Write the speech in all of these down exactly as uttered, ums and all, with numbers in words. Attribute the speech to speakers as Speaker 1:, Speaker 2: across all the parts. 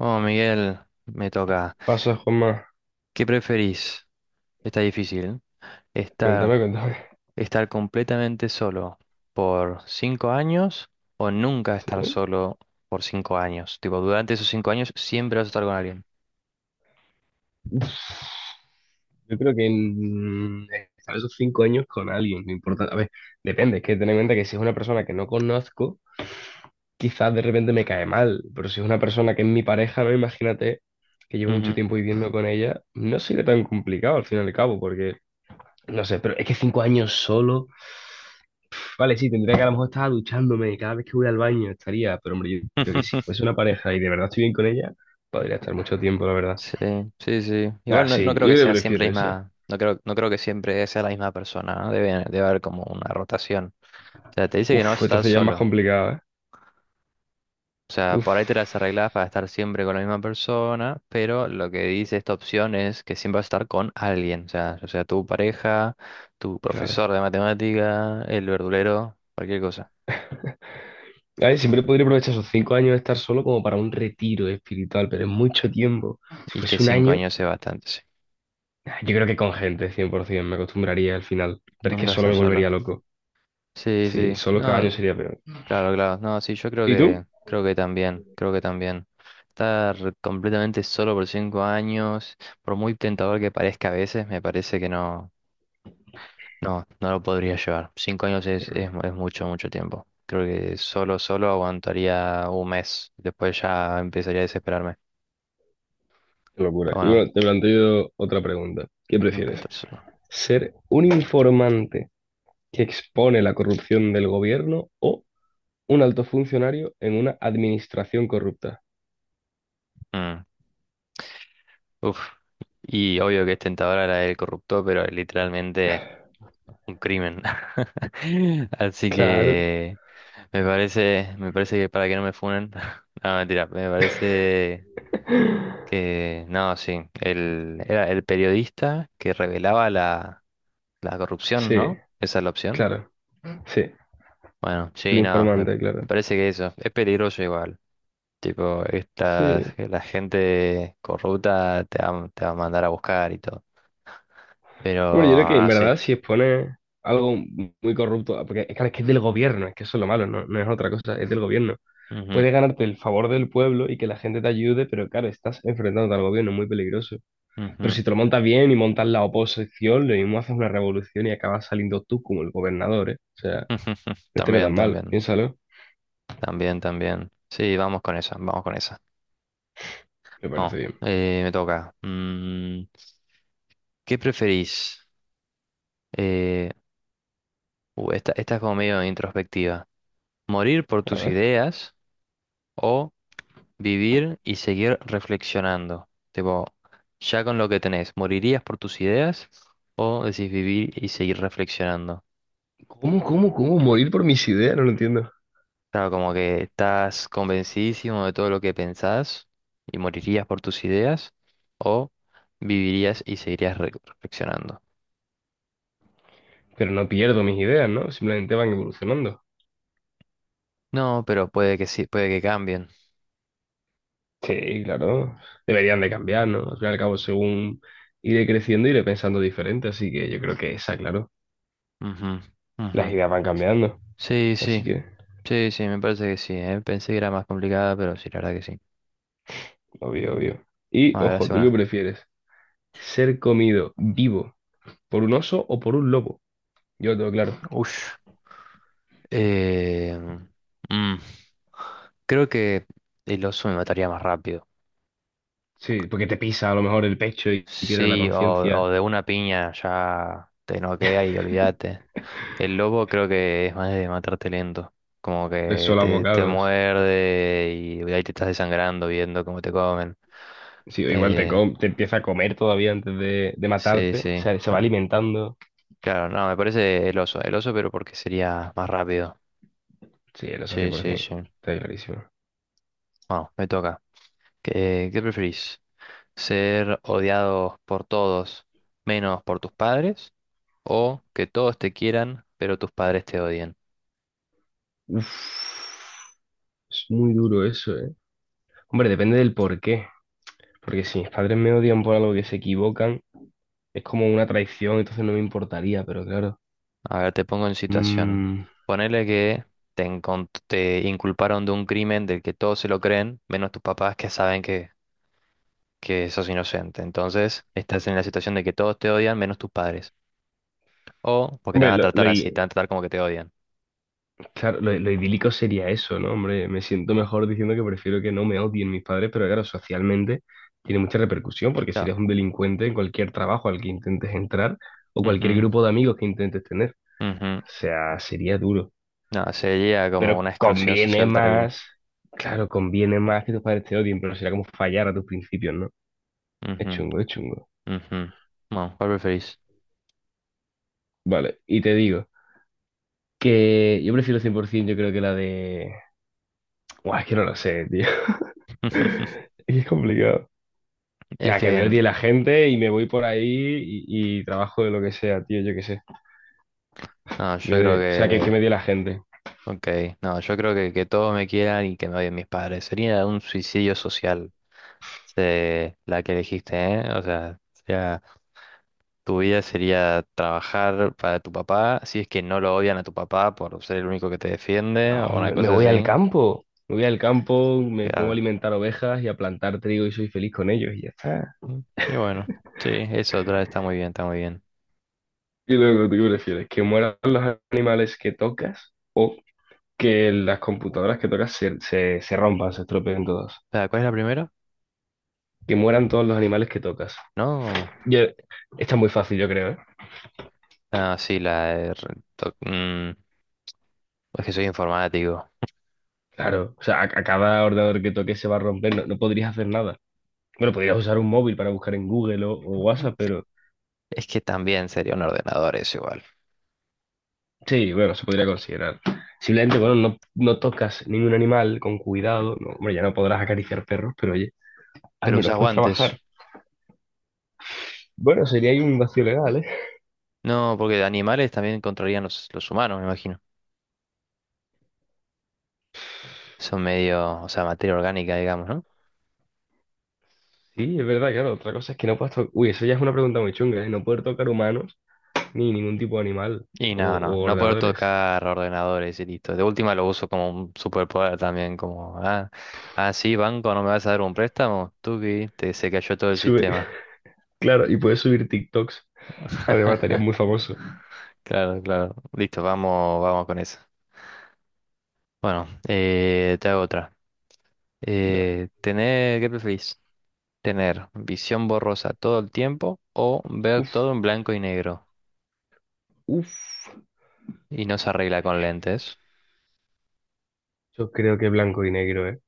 Speaker 1: Oh, Miguel, me toca.
Speaker 2: Pasa, Juanma.
Speaker 1: ¿Qué preferís? Está difícil.
Speaker 2: Cuéntame,
Speaker 1: ¿Estar,
Speaker 2: cuéntame.
Speaker 1: estar completamente solo por cinco años o nunca estar
Speaker 2: Sí.
Speaker 1: solo por cinco años? Tipo, durante esos cinco años siempre vas a estar con alguien.
Speaker 2: Uf, yo creo que en estar esos cinco años con alguien, no importa. A ver, depende, es que ten en cuenta que si es una persona que no conozco, quizás de repente me cae mal, pero si es una persona que es mi pareja, no imagínate que llevo mucho
Speaker 1: Ujú.
Speaker 2: tiempo viviendo con ella, no sería tan complicado al fin y al cabo, porque no sé, pero es que cinco años solo, vale, sí, tendría que a lo mejor estar duchándome cada vez que voy al baño, estaría, pero hombre, yo creo que si fuese una pareja y de verdad estoy bien con ella, podría estar mucho tiempo, la verdad.
Speaker 1: Sí, sí, sí.
Speaker 2: Ah,
Speaker 1: Igual no, no
Speaker 2: sí, yo
Speaker 1: creo que
Speaker 2: creo que
Speaker 1: sea siempre
Speaker 2: prefiero
Speaker 1: la
Speaker 2: esa.
Speaker 1: misma, no creo, no creo que siempre sea la misma persona, ¿no? Debe, debe haber como una rotación. O sea, te dice que no vas a
Speaker 2: Uf,
Speaker 1: estar
Speaker 2: entonces ya es más
Speaker 1: solo.
Speaker 2: complicado, ¿eh?
Speaker 1: O sea,
Speaker 2: Uf,
Speaker 1: por ahí te las arreglas para estar siempre con la misma persona, pero lo que dice esta opción es que siempre vas a estar con alguien, o sea, o sea, tu pareja, tu
Speaker 2: claro.
Speaker 1: profesor de matemática, el verdulero, cualquier cosa.
Speaker 2: Ay, siempre podría aprovechar esos cinco años de estar solo como para un retiro espiritual, pero es mucho tiempo. Si
Speaker 1: Y que
Speaker 2: fuese un
Speaker 1: cinco
Speaker 2: año,
Speaker 1: años es bastante, sí.
Speaker 2: ah, yo creo que con gente, cien por ciento, me acostumbraría al final. Pero es que
Speaker 1: Nunca
Speaker 2: solo
Speaker 1: estar
Speaker 2: me
Speaker 1: solo.
Speaker 2: volvería loco.
Speaker 1: Sí,
Speaker 2: Sí,
Speaker 1: sí.
Speaker 2: solo cada
Speaker 1: No,
Speaker 2: año sería peor.
Speaker 1: claro, claro. No, sí, yo creo
Speaker 2: ¿Y tú?
Speaker 1: que, creo que también, creo que también. Estar completamente solo por cinco años, por muy tentador que parezca a veces, me parece que no. No, no lo podría llevar. Cinco años es, es,
Speaker 2: Mm.
Speaker 1: mu- es mucho, mucho tiempo. Creo que solo, solo aguantaría un mes. Después ya empezaría a desesperarme.
Speaker 2: Qué locura.
Speaker 1: Pero
Speaker 2: Y
Speaker 1: bueno,
Speaker 2: bueno, te planteo otra pregunta. ¿Qué
Speaker 1: nunca
Speaker 2: prefieres?
Speaker 1: estar solo.
Speaker 2: ¿Ser un informante que expone la corrupción del gobierno o un alto funcionario en una administración corrupta?
Speaker 1: Mm. Uf. Y obvio que es tentadora la del corrupto, pero literalmente un crimen. Así
Speaker 2: Claro.
Speaker 1: que me parece, me parece que para que no me funen. No, mentira, me parece que no, sí. El, era el periodista que revelaba la La corrupción,
Speaker 2: Sí,
Speaker 1: ¿no? Esa es la opción.
Speaker 2: claro. Sí,
Speaker 1: Bueno,
Speaker 2: el
Speaker 1: sí, no, me,
Speaker 2: informante,
Speaker 1: me
Speaker 2: claro.
Speaker 1: parece que eso es peligroso igual. Tipo, esta,
Speaker 2: Sí.
Speaker 1: la gente corrupta te va, te va a mandar a buscar y todo. Pero
Speaker 2: Hombre, yo creo que en
Speaker 1: ahora sí.
Speaker 2: verdad si expone algo muy corrupto, porque claro, es que es del gobierno, es que eso es lo malo, no, no es otra cosa, es del gobierno.
Speaker 1: Ujú,
Speaker 2: Puedes ganarte el favor del pueblo y que la gente te ayude, pero claro, estás enfrentándote al gobierno, es muy peligroso.
Speaker 1: ujú. Ujú.
Speaker 2: Pero si te lo montas bien y montas la oposición, lo mismo haces una revolución y acabas saliendo tú como el gobernador, ¿eh? O sea, no estaría tan
Speaker 1: También,
Speaker 2: mal,
Speaker 1: también,
Speaker 2: piénsalo,
Speaker 1: también, también. Sí, vamos con esa, vamos con esa.
Speaker 2: me parece
Speaker 1: No,
Speaker 2: bien.
Speaker 1: eh, me toca. Mm, ¿qué preferís? Eh, uh, esta, esta es como medio introspectiva. ¿Morir por
Speaker 2: A
Speaker 1: tus
Speaker 2: ver.
Speaker 1: ideas o vivir y seguir reflexionando? Tipo, ya con lo que tenés, ¿morirías por tus ideas o decís vivir y seguir reflexionando?
Speaker 2: ¿Cómo, cómo, cómo? Morir por mis ideas, no lo entiendo.
Speaker 1: Claro, como que estás convencidísimo de todo lo que pensás y morirías por tus ideas o vivirías y seguirías re- reflexionando.
Speaker 2: Pero no pierdo mis ideas, ¿no? Simplemente van evolucionando.
Speaker 1: No, pero puede que sí, puede que cambien.
Speaker 2: Sí, claro. Deberían de cambiar, ¿no? Al fin y al cabo, según iré creciendo, iré pensando diferente. Así que yo creo que esa, claro.
Speaker 1: Ujú, ujú.
Speaker 2: Las ideas van cambiando.
Speaker 1: Sí, sí,
Speaker 2: Así que,
Speaker 1: sí, sí, me parece que sí, ¿eh? Pensé que era más complicada, pero sí, la verdad que sí.
Speaker 2: obvio, obvio. Y,
Speaker 1: A ver,
Speaker 2: ojo,
Speaker 1: hace
Speaker 2: ¿tú qué
Speaker 1: una.
Speaker 2: prefieres? ¿Ser comido vivo por un oso o por un lobo? Yo lo tengo claro.
Speaker 1: Ush. Eh, mm, creo que el oso me mataría más rápido.
Speaker 2: Sí, porque te pisa a lo mejor el pecho y pierdes la
Speaker 1: Sí, o,
Speaker 2: conciencia.
Speaker 1: o de una piña ya te noquea y olvídate. El lobo creo que es más de matarte lento. Como
Speaker 2: Tres
Speaker 1: que
Speaker 2: solos
Speaker 1: te, te
Speaker 2: bocados.
Speaker 1: muerde y ahí te estás desangrando viendo cómo te comen.
Speaker 2: Sí, o igual te,
Speaker 1: Eh,
Speaker 2: com- te empieza a comer todavía antes de, de
Speaker 1: sí,
Speaker 2: matarte. O
Speaker 1: sí.
Speaker 2: sea, se va
Speaker 1: Ah,
Speaker 2: alimentando.
Speaker 1: claro, no, me parece el oso. El oso, pero porque sería más rápido.
Speaker 2: Sí, eso
Speaker 1: Sí, sí,
Speaker 2: cien por ciento.
Speaker 1: sí.
Speaker 2: Está clarísimo.
Speaker 1: Bueno, me toca. ¿Qué, qué preferís? ¿Ser odiado por todos menos por tus padres? ¿O que todos te quieran pero tus padres te odien?
Speaker 2: Uf, es muy duro eso, ¿eh? Hombre, depende del por qué. Porque si mis padres me odian por algo que se equivocan, es como una traición, entonces no me importaría, pero claro.
Speaker 1: A ver, te pongo en situación.
Speaker 2: Mm.
Speaker 1: Ponele que te, encon- te inculparon de un crimen del que todos se lo creen, menos tus papás que saben que, que sos inocente. Entonces, estás en la situación de que todos te odian menos tus padres. O porque te
Speaker 2: Hombre,
Speaker 1: van a
Speaker 2: lo,
Speaker 1: tratar
Speaker 2: lo,
Speaker 1: así, te van a tratar como que te odian.
Speaker 2: claro, lo, lo idílico sería eso, ¿no? Hombre, me siento mejor diciendo que prefiero que no me odien mis padres, pero claro, socialmente tiene mucha repercusión porque
Speaker 1: No,
Speaker 2: serías un delincuente en cualquier trabajo al que intentes entrar o cualquier
Speaker 1: ujú,
Speaker 2: grupo de amigos que intentes tener.
Speaker 1: ujú.
Speaker 2: O sea, sería duro.
Speaker 1: No, sería como
Speaker 2: Pero
Speaker 1: una exclusión
Speaker 2: conviene
Speaker 1: social terrible.
Speaker 2: más, claro, conviene más que tus padres te odien, pero será como fallar a tus principios, ¿no? Es
Speaker 1: Ujú.
Speaker 2: chungo, es chungo.
Speaker 1: Ujú. No, ¿cuál preferís?
Speaker 2: Vale, y te digo que yo prefiero cien por ciento, yo creo que la de... Buah, es que no lo sé, tío. Es que es complicado.
Speaker 1: Es
Speaker 2: Nada, que me
Speaker 1: que,
Speaker 2: odie la gente y me voy por ahí y, y trabajo de lo que sea, tío, yo qué sé.
Speaker 1: no,
Speaker 2: Que
Speaker 1: yo
Speaker 2: me
Speaker 1: creo
Speaker 2: odie- o sea, que, que me
Speaker 1: que,
Speaker 2: odie la gente.
Speaker 1: ok, no, yo creo que que todos me quieran y que me odien mis padres. Sería un suicidio social, se- la que elegiste, ¿eh? O sea, sería- tu vida sería trabajar para tu papá, si es que no lo odian a tu papá por ser el único que te defiende
Speaker 2: No,
Speaker 1: o una
Speaker 2: me, me
Speaker 1: cosa
Speaker 2: voy al
Speaker 1: así.
Speaker 2: campo. Me voy al campo, me pongo a
Speaker 1: Claro.
Speaker 2: alimentar ovejas y a plantar trigo y soy feliz con ellos y ya está.
Speaker 1: Mm, y bueno, sí, eso otra está muy bien, está muy bien.
Speaker 2: Y luego, ¿tú qué prefieres? ¿Que mueran los animales que tocas o que las computadoras que tocas se, se, se rompan, se estropeen todas?
Speaker 1: Ah, ¿cuál es la primera?
Speaker 2: Que mueran todos los animales que tocas.
Speaker 1: No,
Speaker 2: Yo, esta es muy fácil, yo creo, ¿eh?
Speaker 1: ah, sí, la de re- to- mm, es que soy informático.
Speaker 2: Claro, o sea, a, a cada ordenador que toques se va a romper, no no podrías hacer nada. Bueno, podrías usar un móvil para buscar en Google o, o WhatsApp, pero
Speaker 1: Es que también sería un ordenador eso igual.
Speaker 2: sí, bueno, se podría considerar. Simplemente, bueno, no no tocas ningún animal con cuidado. No, hombre, ya no podrás acariciar perros, pero oye, al
Speaker 1: Pero
Speaker 2: menos
Speaker 1: usas
Speaker 2: puedes
Speaker 1: guantes.
Speaker 2: trabajar. Bueno, sería ahí un vacío legal, ¿eh?
Speaker 1: No, porque de animales también controlarían los, los humanos, me imagino. Son medio, o sea, materia orgánica, digamos, ¿no?
Speaker 2: Sí, es verdad, claro. Otra cosa es que no puedes tocar. Uy, eso ya es una pregunta muy chunga, ¿eh? No poder tocar humanos ni ningún tipo de animal
Speaker 1: Y
Speaker 2: o,
Speaker 1: no, no,
Speaker 2: o
Speaker 1: no puedo
Speaker 2: ordenadores.
Speaker 1: tocar ordenadores y listo. De última lo uso como un superpoder también, como, ah, ah, sí, banco, ¿no me vas a dar un préstamo? Tuki, te se cayó todo el
Speaker 2: Sube,
Speaker 1: sistema.
Speaker 2: claro, y puedes subir TikToks. Además, estarías muy famoso.
Speaker 1: Claro, claro. Listo, vamos, vamos con eso. Bueno, eh, te hago otra.
Speaker 2: Dale.
Speaker 1: Eh, tener, ¿qué preferís? ¿Tener visión borrosa todo el tiempo o ver
Speaker 2: Uf,
Speaker 1: todo en blanco y negro
Speaker 2: uf.
Speaker 1: y no se arregla con lentes?
Speaker 2: Yo creo que blanco y negro, ¿eh?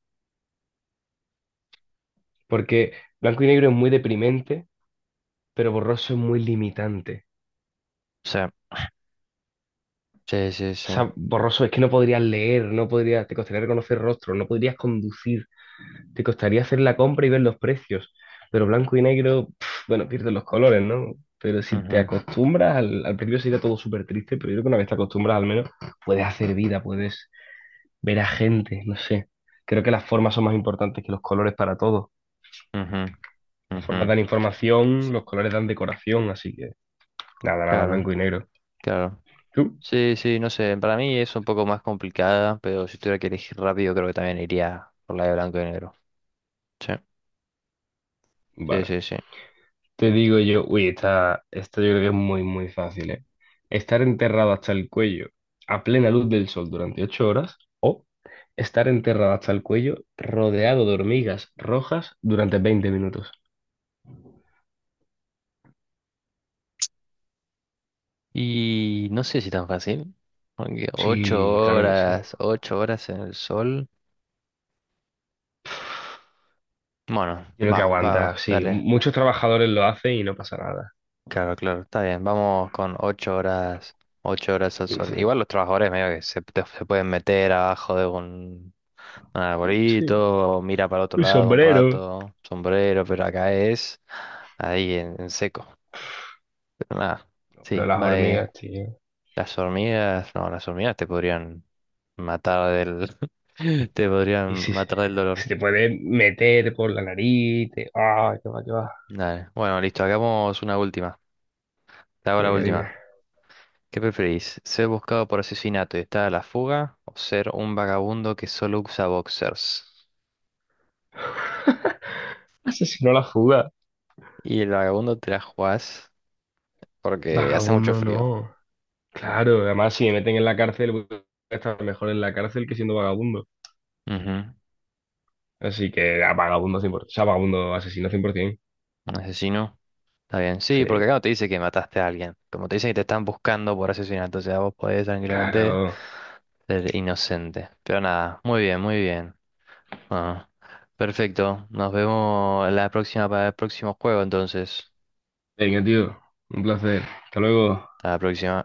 Speaker 2: Porque blanco y negro es muy deprimente, pero borroso es muy limitante.
Speaker 1: Sí, sí, sí,
Speaker 2: O
Speaker 1: sí.
Speaker 2: sea, borroso es que no podrías leer, no podrías, te costaría reconocer rostros, no podrías conducir, te costaría hacer la compra y ver los precios. Pero blanco y negro, pf, bueno, pierdes los colores, ¿no? Pero si te
Speaker 1: Ujú,
Speaker 2: acostumbras, al, al principio sería todo súper triste, pero yo creo que una vez te acostumbras al menos, puedes hacer vida, puedes ver a gente, no sé. Creo que las formas son más importantes que los colores para todo.
Speaker 1: ujú,
Speaker 2: Las
Speaker 1: ujú.
Speaker 2: formas dan información, los colores dan decoración, así que nada, nada,
Speaker 1: Claro,
Speaker 2: blanco y negro.
Speaker 1: claro.
Speaker 2: ¿Tú?
Speaker 1: Sí, sí, no sé, para mí es un poco más complicada, pero si tuviera que elegir rápido creo que también iría por la de blanco y negro. Sí, sí,
Speaker 2: Vale.
Speaker 1: sí, sí.
Speaker 2: Te digo yo, uy, esta, esta yo creo que es muy, muy fácil, ¿eh? Estar enterrado hasta el cuello a plena luz del sol durante ocho horas o estar enterrado hasta el cuello rodeado de hormigas rojas durante veinte minutos.
Speaker 1: Y no sé si tan fácil, porque ocho
Speaker 2: Sí, claro que sí. Yo
Speaker 1: horas, ocho horas en el sol. Bueno,
Speaker 2: creo que
Speaker 1: va, va, va,
Speaker 2: aguanta, sí.
Speaker 1: dale.
Speaker 2: Muchos trabajadores lo hacen y no pasa nada.
Speaker 1: Claro, claro, está bien. Vamos con ocho horas, ocho horas al
Speaker 2: Sí,
Speaker 1: sol.
Speaker 2: sí.
Speaker 1: Igual los trabajadores medio que se, te- se pueden meter abajo de un, un
Speaker 2: Sí,
Speaker 1: arbolito, o mira para otro
Speaker 2: un
Speaker 1: lado un
Speaker 2: sombrero.
Speaker 1: rato, sombrero, pero acá es ahí en, en seco. Pero nada,
Speaker 2: Pero
Speaker 1: sí,
Speaker 2: las
Speaker 1: va. eh,
Speaker 2: hormigas, tío.
Speaker 1: Las hormigas, no, las hormigas te podrían matar del... te
Speaker 2: Y
Speaker 1: podrían
Speaker 2: si,
Speaker 1: matar del dolor.
Speaker 2: si te puedes meter por la nariz, te... ¡Ah, qué va, qué va!
Speaker 1: Dale. Bueno, listo, hagamos una última. Te hago la
Speaker 2: Venga, dime.
Speaker 1: última. ¿Qué preferís? ¿Ser buscado por asesinato y estar a la fuga? ¿O ser un vagabundo que solo usa boxers?
Speaker 2: Asesinó la fuga.
Speaker 1: Y el vagabundo te la jugás porque hace mucho
Speaker 2: Vagabundo
Speaker 1: frío.
Speaker 2: no. Claro, además si me meten en la cárcel, voy a estar mejor en la cárcel que siendo vagabundo.
Speaker 1: Ujú.
Speaker 2: Así que a vagabundo cien por ciento. O sea, vagabundo asesino cien por ciento.
Speaker 1: Un asesino. Está bien. Sí,
Speaker 2: Sí,
Speaker 1: porque acá no te dice que mataste a alguien. Como te dicen que te están buscando por asesinato. O sea, vos podés tranquilamente
Speaker 2: claro.
Speaker 1: ser inocente. Pero nada, muy bien, muy bien. Ah, perfecto. Nos vemos la próxima para el próximo juego, entonces.
Speaker 2: Venga, tío. Un placer. Hasta luego.
Speaker 1: A la próxima.